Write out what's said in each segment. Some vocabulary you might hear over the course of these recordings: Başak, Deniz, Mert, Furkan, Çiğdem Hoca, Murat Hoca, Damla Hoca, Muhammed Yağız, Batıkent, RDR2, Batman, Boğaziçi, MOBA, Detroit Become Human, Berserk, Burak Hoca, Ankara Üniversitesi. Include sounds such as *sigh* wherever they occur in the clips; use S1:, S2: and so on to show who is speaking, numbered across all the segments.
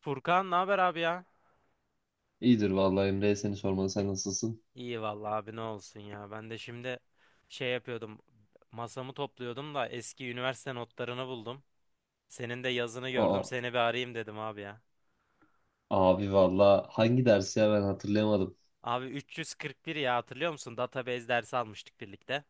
S1: Furkan ne haber abi ya?
S2: İyidir vallahi Emre seni sormalı sen nasılsın?
S1: İyi vallahi abi ne olsun ya. Ben de şimdi şey yapıyordum. Masamı topluyordum da eski üniversite notlarını buldum. Senin de yazını
S2: Aa,
S1: gördüm. Seni bir arayayım dedim abi ya.
S2: abi vallahi hangi ders ya ben hatırlayamadım.
S1: Abi 341 ya hatırlıyor musun? Database dersi almıştık birlikte.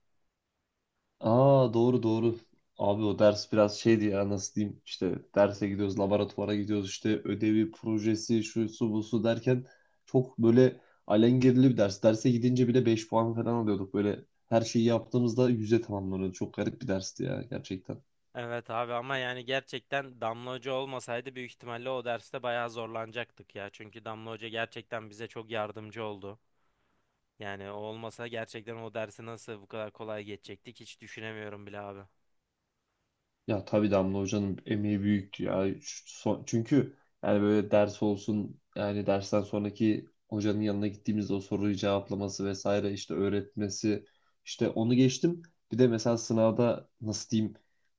S2: Aa, doğru doğru. Abi o ders biraz şeydi ya, nasıl diyeyim, işte derse gidiyoruz, laboratuvara gidiyoruz, işte ödevi, projesi, şu su bu su derken çok böyle alengirli bir ders. Derse gidince bile 5 puan falan alıyorduk, böyle her şeyi yaptığımızda 100'e tamamlanıyordu. Çok garip bir dersti ya gerçekten.
S1: Evet abi, ama yani gerçekten Damla Hoca olmasaydı büyük ihtimalle o derste bayağı zorlanacaktık ya. Çünkü Damla Hoca gerçekten bize çok yardımcı oldu. Yani o olmasa gerçekten o dersi nasıl bu kadar kolay geçecektik hiç düşünemiyorum bile abi.
S2: Ya tabii Damla Hoca'nın emeği büyüktü ya. Çünkü yani böyle ders olsun, yani dersten sonraki hocanın yanına gittiğimizde o soruyu cevaplaması vesaire, işte öğretmesi, işte onu geçtim. Bir de mesela sınavda nasıl diyeyim,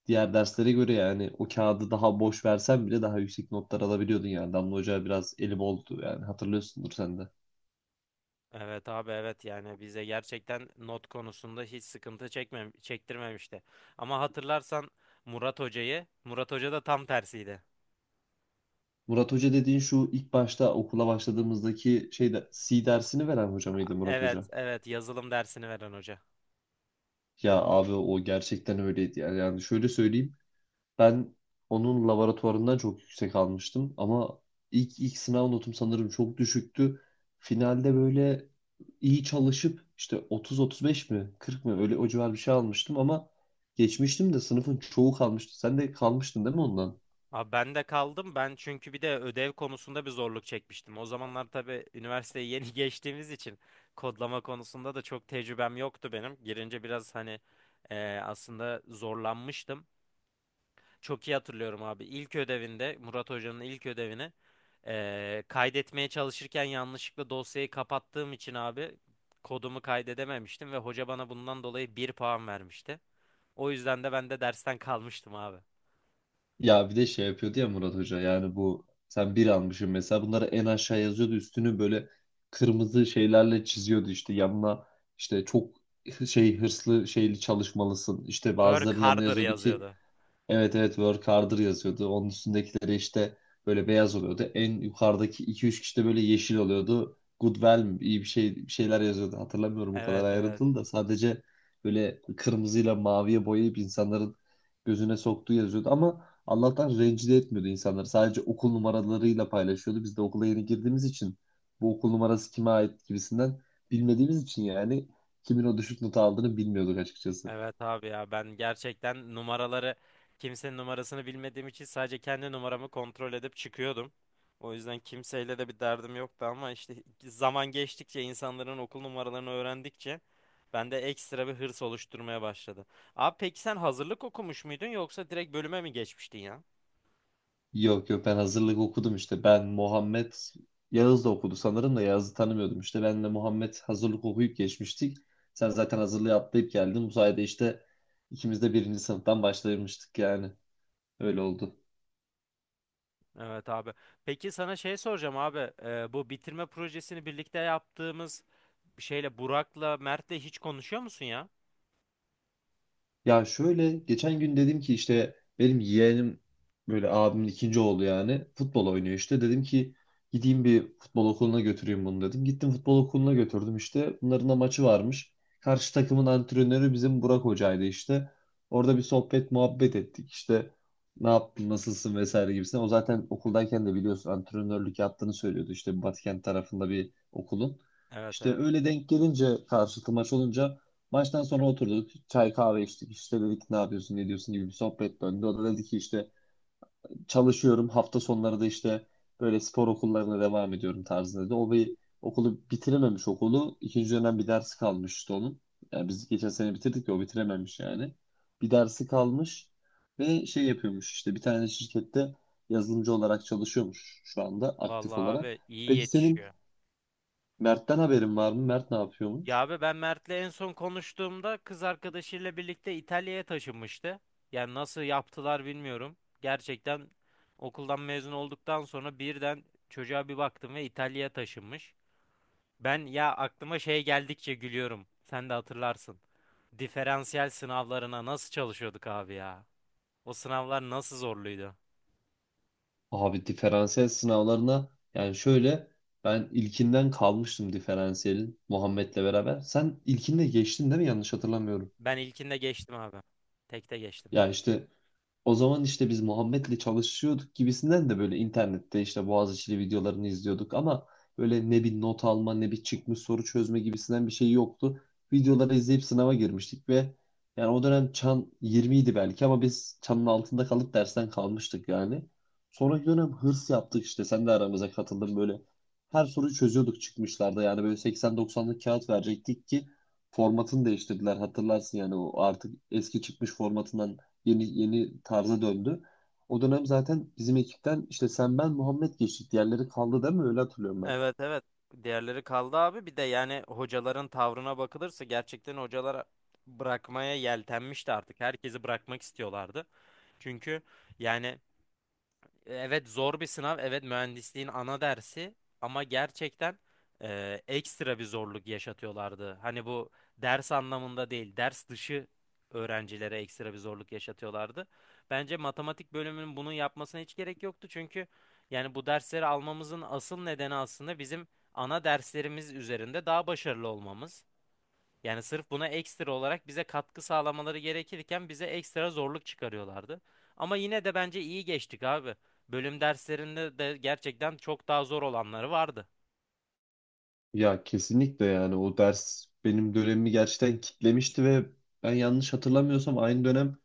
S2: diğer derslere göre yani o kağıdı daha boş versen bile daha yüksek notlar alabiliyordun yani. Damla Hoca biraz eli boldu yani, hatırlıyorsundur sen de.
S1: Evet abi, evet yani bize gerçekten not konusunda hiç sıkıntı çekmem çektirmemişti. Ama hatırlarsan Murat Hoca'yı, Murat Hoca da tam tersiydi.
S2: Murat Hoca dediğin şu ilk başta okula başladığımızdaki şeyde C dersini veren hoca mıydı Murat
S1: Evet
S2: Hoca?
S1: evet, yazılım dersini veren hoca.
S2: Ya abi o gerçekten öyleydi yani. Yani şöyle söyleyeyim. Ben onun laboratuvarından çok yüksek almıştım ama ilk sınav notum sanırım çok düşüktü. Finalde böyle iyi çalışıp işte 30-35 mi 40 mı öyle o civar bir şey almıştım ama geçmiştim de sınıfın çoğu kalmıştı. Sen de kalmıştın değil mi ondan?
S1: Abi ben de kaldım, ben çünkü bir de ödev konusunda bir zorluk çekmiştim. O zamanlar tabii üniversiteyi yeni *laughs* geçtiğimiz için kodlama konusunda da çok tecrübem yoktu benim. Girince biraz hani aslında zorlanmıştım. Çok iyi hatırlıyorum abi. İlk ödevinde, Murat Hoca'nın ilk ödevini kaydetmeye çalışırken yanlışlıkla dosyayı kapattığım için abi kodumu kaydedememiştim ve hoca bana bundan dolayı bir puan vermişti. O yüzden de ben de dersten kalmıştım abi.
S2: Ya bir de şey yapıyordu ya Murat Hoca, yani bu sen bir almışsın mesela, bunları en aşağı yazıyordu, üstünü böyle kırmızı şeylerle çiziyordu, işte yanına işte çok şey, hırslı şeyli çalışmalısın işte
S1: Work
S2: bazılarının yanına
S1: harder
S2: yazıyordu ki
S1: yazıyordu.
S2: evet evet, work harder yazıyordu. Onun üstündekileri işte böyle beyaz oluyordu. En yukarıdaki iki üç kişi de böyle yeşil oluyordu. Good well mi, iyi bir şey, bir şeyler yazıyordu. Hatırlamıyorum o kadar
S1: Evet evet.
S2: ayrıntılı da, sadece böyle kırmızıyla maviye boyayıp insanların gözüne soktuğu yazıyordu ama Allah'tan rencide etmiyordu insanları. Sadece okul numaralarıyla paylaşıyordu. Biz de okula yeni girdiğimiz için bu okul numarası kime ait gibisinden bilmediğimiz için yani kimin o düşük notu aldığını bilmiyorduk açıkçası.
S1: Evet abi ya, ben gerçekten numaraları, kimsenin numarasını bilmediğim için sadece kendi numaramı kontrol edip çıkıyordum. O yüzden kimseyle de bir derdim yoktu ama işte zaman geçtikçe, insanların okul numaralarını öğrendikçe bende ekstra bir hırs oluşturmaya başladı. Abi peki sen hazırlık okumuş muydun yoksa direkt bölüme mi geçmiştin ya?
S2: Yok yok, ben hazırlık okudum işte. Ben, Muhammed, Yağız da okudu sanırım da Yağız'ı tanımıyordum işte. Benle Muhammed hazırlık okuyup geçmiştik. Sen zaten hazırlığı atlayıp geldin. Bu sayede işte ikimiz de birinci sınıftan başlamıştık yani. Öyle oldu.
S1: Evet abi. Peki sana şey soracağım abi. Bu bitirme projesini birlikte yaptığımız şeyle, Burak'la Mert'le hiç konuşuyor musun ya?
S2: Ya şöyle, geçen gün dedim ki işte benim yeğenim, böyle abimin ikinci oğlu, yani futbol oynuyor işte. Dedim ki gideyim bir futbol okuluna götüreyim bunu dedim. Gittim futbol okuluna götürdüm işte. Bunların da maçı varmış. Karşı takımın antrenörü bizim Burak Hoca'ydı işte. Orada bir sohbet muhabbet ettik işte. Ne yaptın, nasılsın vesaire gibisinden. O zaten okuldayken de biliyorsun antrenörlük yaptığını söylüyordu, işte Batıkent tarafında bir okulun.
S1: Evet
S2: İşte
S1: evet.
S2: öyle denk gelince karşılıklı maç olunca, maçtan sonra oturduk. Çay kahve içtik. İşte dedik ne yapıyorsun, ne diyorsun gibi bir sohbet döndü. O da dedi ki işte çalışıyorum. Hafta sonları da işte böyle spor okullarına devam ediyorum tarzında dedi. O bir okulu bitirememiş, okulu. İkinci dönem bir dersi kalmış işte onun. Yani biz geçen sene bitirdik ya, o bitirememiş yani. Bir dersi kalmış ve şey yapıyormuş, işte bir tane şirkette yazılımcı olarak çalışıyormuş şu anda aktif
S1: Vallahi
S2: olarak.
S1: abi iyi
S2: Peki senin
S1: yetişiyor.
S2: Mert'ten haberin var mı? Mert ne
S1: Ya
S2: yapıyormuş?
S1: abi, ben Mert'le en son konuştuğumda kız arkadaşıyla birlikte İtalya'ya taşınmıştı. Yani nasıl yaptılar bilmiyorum. Gerçekten okuldan mezun olduktan sonra birden çocuğa bir baktım ve İtalya'ya taşınmış. Ben ya, aklıma şey geldikçe gülüyorum. Sen de hatırlarsın. Diferansiyel sınavlarına nasıl çalışıyorduk abi ya? O sınavlar nasıl zorluydu?
S2: Abi diferansiyel sınavlarına, yani şöyle, ben ilkinden kalmıştım diferansiyelin, Muhammed'le beraber. Sen ilkinde geçtin değil mi? Yanlış hatırlamıyorum.
S1: Ben ilkinde geçtim abi. Tekte geçtim.
S2: Ya işte o zaman işte biz Muhammed'le çalışıyorduk gibisinden de böyle internette işte Boğaziçi'li videolarını izliyorduk ama böyle ne bir not alma ne bir çıkmış soru çözme gibisinden bir şey yoktu. Videoları izleyip sınava girmiştik ve yani o dönem çan 20 idi belki ama biz çanın altında kalıp dersten kalmıştık yani. Sonraki dönem hırs yaptık, işte sen de aramıza katıldın böyle. Her soruyu çözüyorduk çıkmışlarda, yani böyle 80-90'lık kağıt verecektik ki formatını değiştirdiler, hatırlarsın, yani o artık eski çıkmış formatından yeni yeni tarza döndü. O dönem zaten bizim ekipten işte sen, ben, Muhammed geçtik. Diğerleri kaldı değil mi? Öyle hatırlıyorum ben.
S1: Evet evet. Diğerleri kaldı abi. Bir de yani hocaların tavrına bakılırsa gerçekten hocalar bırakmaya yeltenmişti artık. Herkesi bırakmak istiyorlardı. Çünkü yani, evet, zor bir sınav. Evet, mühendisliğin ana dersi ama gerçekten ekstra bir zorluk yaşatıyorlardı. Hani bu ders anlamında değil, ders dışı öğrencilere ekstra bir zorluk yaşatıyorlardı. Bence matematik bölümünün bunu yapmasına hiç gerek yoktu. Çünkü yani bu dersleri almamızın asıl nedeni aslında bizim ana derslerimiz üzerinde daha başarılı olmamız. Yani sırf buna ekstra olarak bize katkı sağlamaları gerekirken bize ekstra zorluk çıkarıyorlardı. Ama yine de bence iyi geçtik abi. Bölüm derslerinde de gerçekten çok daha zor olanları vardı.
S2: Ya kesinlikle, yani o ders benim dönemimi gerçekten kitlemişti ve ben yanlış hatırlamıyorsam aynı dönem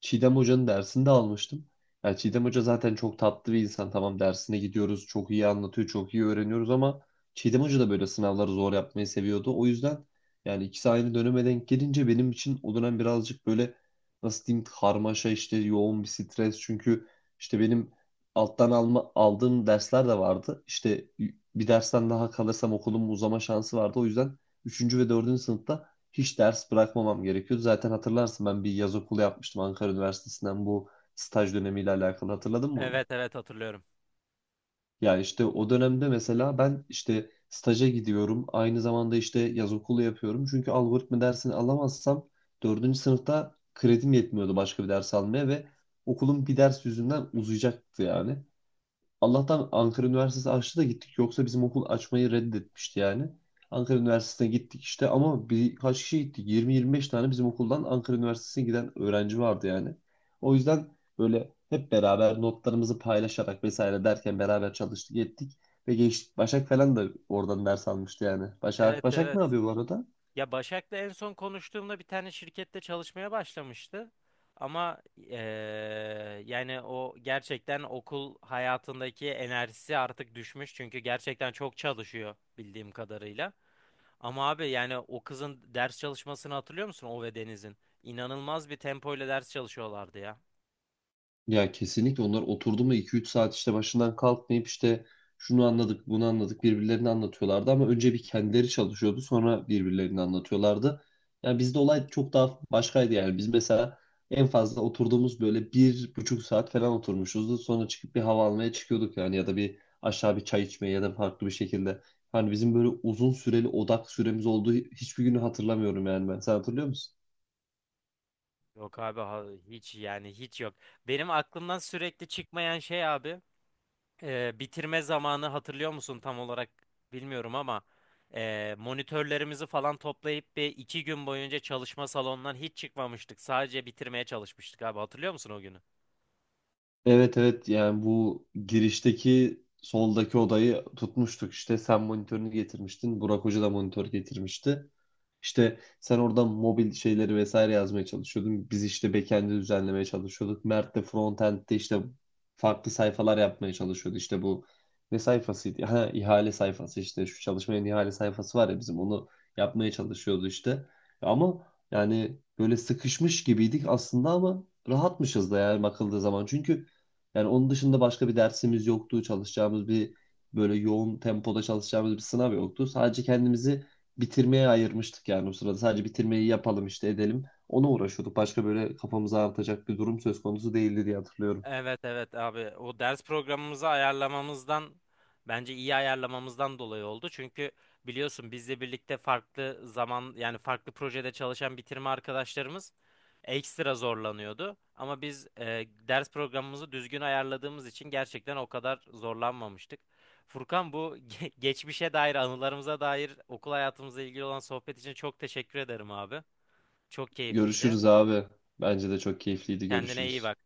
S2: Çiğdem Hoca'nın dersini de almıştım. Yani Çiğdem Hoca zaten çok tatlı bir insan. Tamam, dersine gidiyoruz, çok iyi anlatıyor, çok iyi öğreniyoruz ama Çiğdem Hoca da böyle sınavları zor yapmayı seviyordu. O yüzden yani ikisi aynı döneme denk gelince benim için o dönem birazcık böyle, nasıl diyeyim, karmaşa, işte yoğun bir stres. Çünkü işte benim alttan alma, aldığım dersler de vardı. İşte bir dersten daha kalırsam okulumun uzama şansı vardı. O yüzden üçüncü ve dördüncü sınıfta hiç ders bırakmamam gerekiyordu. Zaten hatırlarsın, ben bir yaz okulu yapmıştım Ankara Üniversitesi'nden, bu staj dönemiyle alakalı, hatırladın mı onu?
S1: Evet evet, hatırlıyorum.
S2: Ya işte o dönemde mesela ben işte staja gidiyorum. Aynı zamanda işte yaz okulu yapıyorum. Çünkü algoritma dersini alamazsam dördüncü sınıfta kredim yetmiyordu başka bir ders almaya ve okulun bir ders yüzünden uzayacaktı yani. Allah'tan Ankara Üniversitesi açtı da gittik. Yoksa bizim okul açmayı reddetmişti yani. Ankara Üniversitesi'ne gittik işte ama birkaç kişi gittik. 20-25 tane bizim okuldan Ankara Üniversitesi'ne giden öğrenci vardı yani. O yüzden böyle hep beraber notlarımızı paylaşarak vesaire derken beraber çalıştık ettik. Ve geçtik. Başak falan da oradan ders almıştı yani. Başak,
S1: Evet
S2: Başak
S1: evet.
S2: ne yapıyor bu arada?
S1: Ya Başak'la en son konuştuğumda bir tane şirkette çalışmaya başlamıştı. Ama yani o gerçekten, okul hayatındaki enerjisi artık düşmüş. Çünkü gerçekten çok çalışıyor bildiğim kadarıyla. Ama abi yani o kızın ders çalışmasını hatırlıyor musun? O ve Deniz'in. İnanılmaz bir tempoyla ders çalışıyorlardı ya.
S2: Ya kesinlikle, onlar oturdu mu iki üç saat işte başından kalkmayıp işte şunu anladık bunu anladık birbirlerini anlatıyorlardı ama önce bir kendileri çalışıyordu sonra birbirlerini anlatıyorlardı. Yani bizde olay çok daha başkaydı, yani biz mesela en fazla oturduğumuz böyle 1,5 saat falan oturmuşuzdu, sonra çıkıp bir hava almaya çıkıyorduk yani, ya da bir aşağı bir çay içmeye ya da farklı bir şekilde. Hani bizim böyle uzun süreli odak süremiz olduğu hiçbir günü hatırlamıyorum yani ben, sen hatırlıyor musun?
S1: Yok abi, hiç, yani hiç yok. Benim aklımdan sürekli çıkmayan şey abi, bitirme zamanı, hatırlıyor musun tam olarak bilmiyorum ama monitörlerimizi falan toplayıp bir iki gün boyunca çalışma salonundan hiç çıkmamıştık. Sadece bitirmeye çalışmıştık abi, hatırlıyor musun o günü?
S2: Evet evet, yani bu girişteki soldaki odayı tutmuştuk işte, sen monitörünü getirmiştin, Burak Hoca da monitör getirmişti. İşte sen oradan mobil şeyleri vesaire yazmaya çalışıyordun. Biz işte backend'i düzenlemeye çalışıyorduk. Mert de frontend'de işte farklı sayfalar yapmaya çalışıyordu. İşte bu ne sayfasıydı? Ha, ihale sayfası, işte şu çalışmanın ihale sayfası var ya bizim, onu yapmaya çalışıyordu işte. Ama yani böyle sıkışmış gibiydik aslında ama rahatmışız da yani bakıldığı zaman. Çünkü yani onun dışında başka bir dersimiz yoktu. Çalışacağımız bir, böyle yoğun tempoda çalışacağımız bir sınav yoktu. Sadece kendimizi bitirmeye ayırmıştık yani o sırada. Sadece bitirmeyi yapalım işte, edelim. Ona uğraşıyorduk. Başka böyle kafamızı ağrıtacak bir durum söz konusu değildi diye hatırlıyorum.
S1: Evet evet abi, o ders programımızı ayarlamamızdan, bence iyi ayarlamamızdan dolayı oldu. Çünkü biliyorsun, bizle birlikte farklı zaman, yani farklı projede çalışan bitirme arkadaşlarımız ekstra zorlanıyordu. Ama biz ders programımızı düzgün ayarladığımız için gerçekten o kadar zorlanmamıştık. Furkan, bu *laughs* geçmişe dair, anılarımıza dair, okul hayatımızla ilgili olan sohbet için çok teşekkür ederim abi. Çok keyifliydi.
S2: Görüşürüz abi. Bence de çok keyifliydi.
S1: Kendine iyi
S2: Görüşürüz.
S1: bak.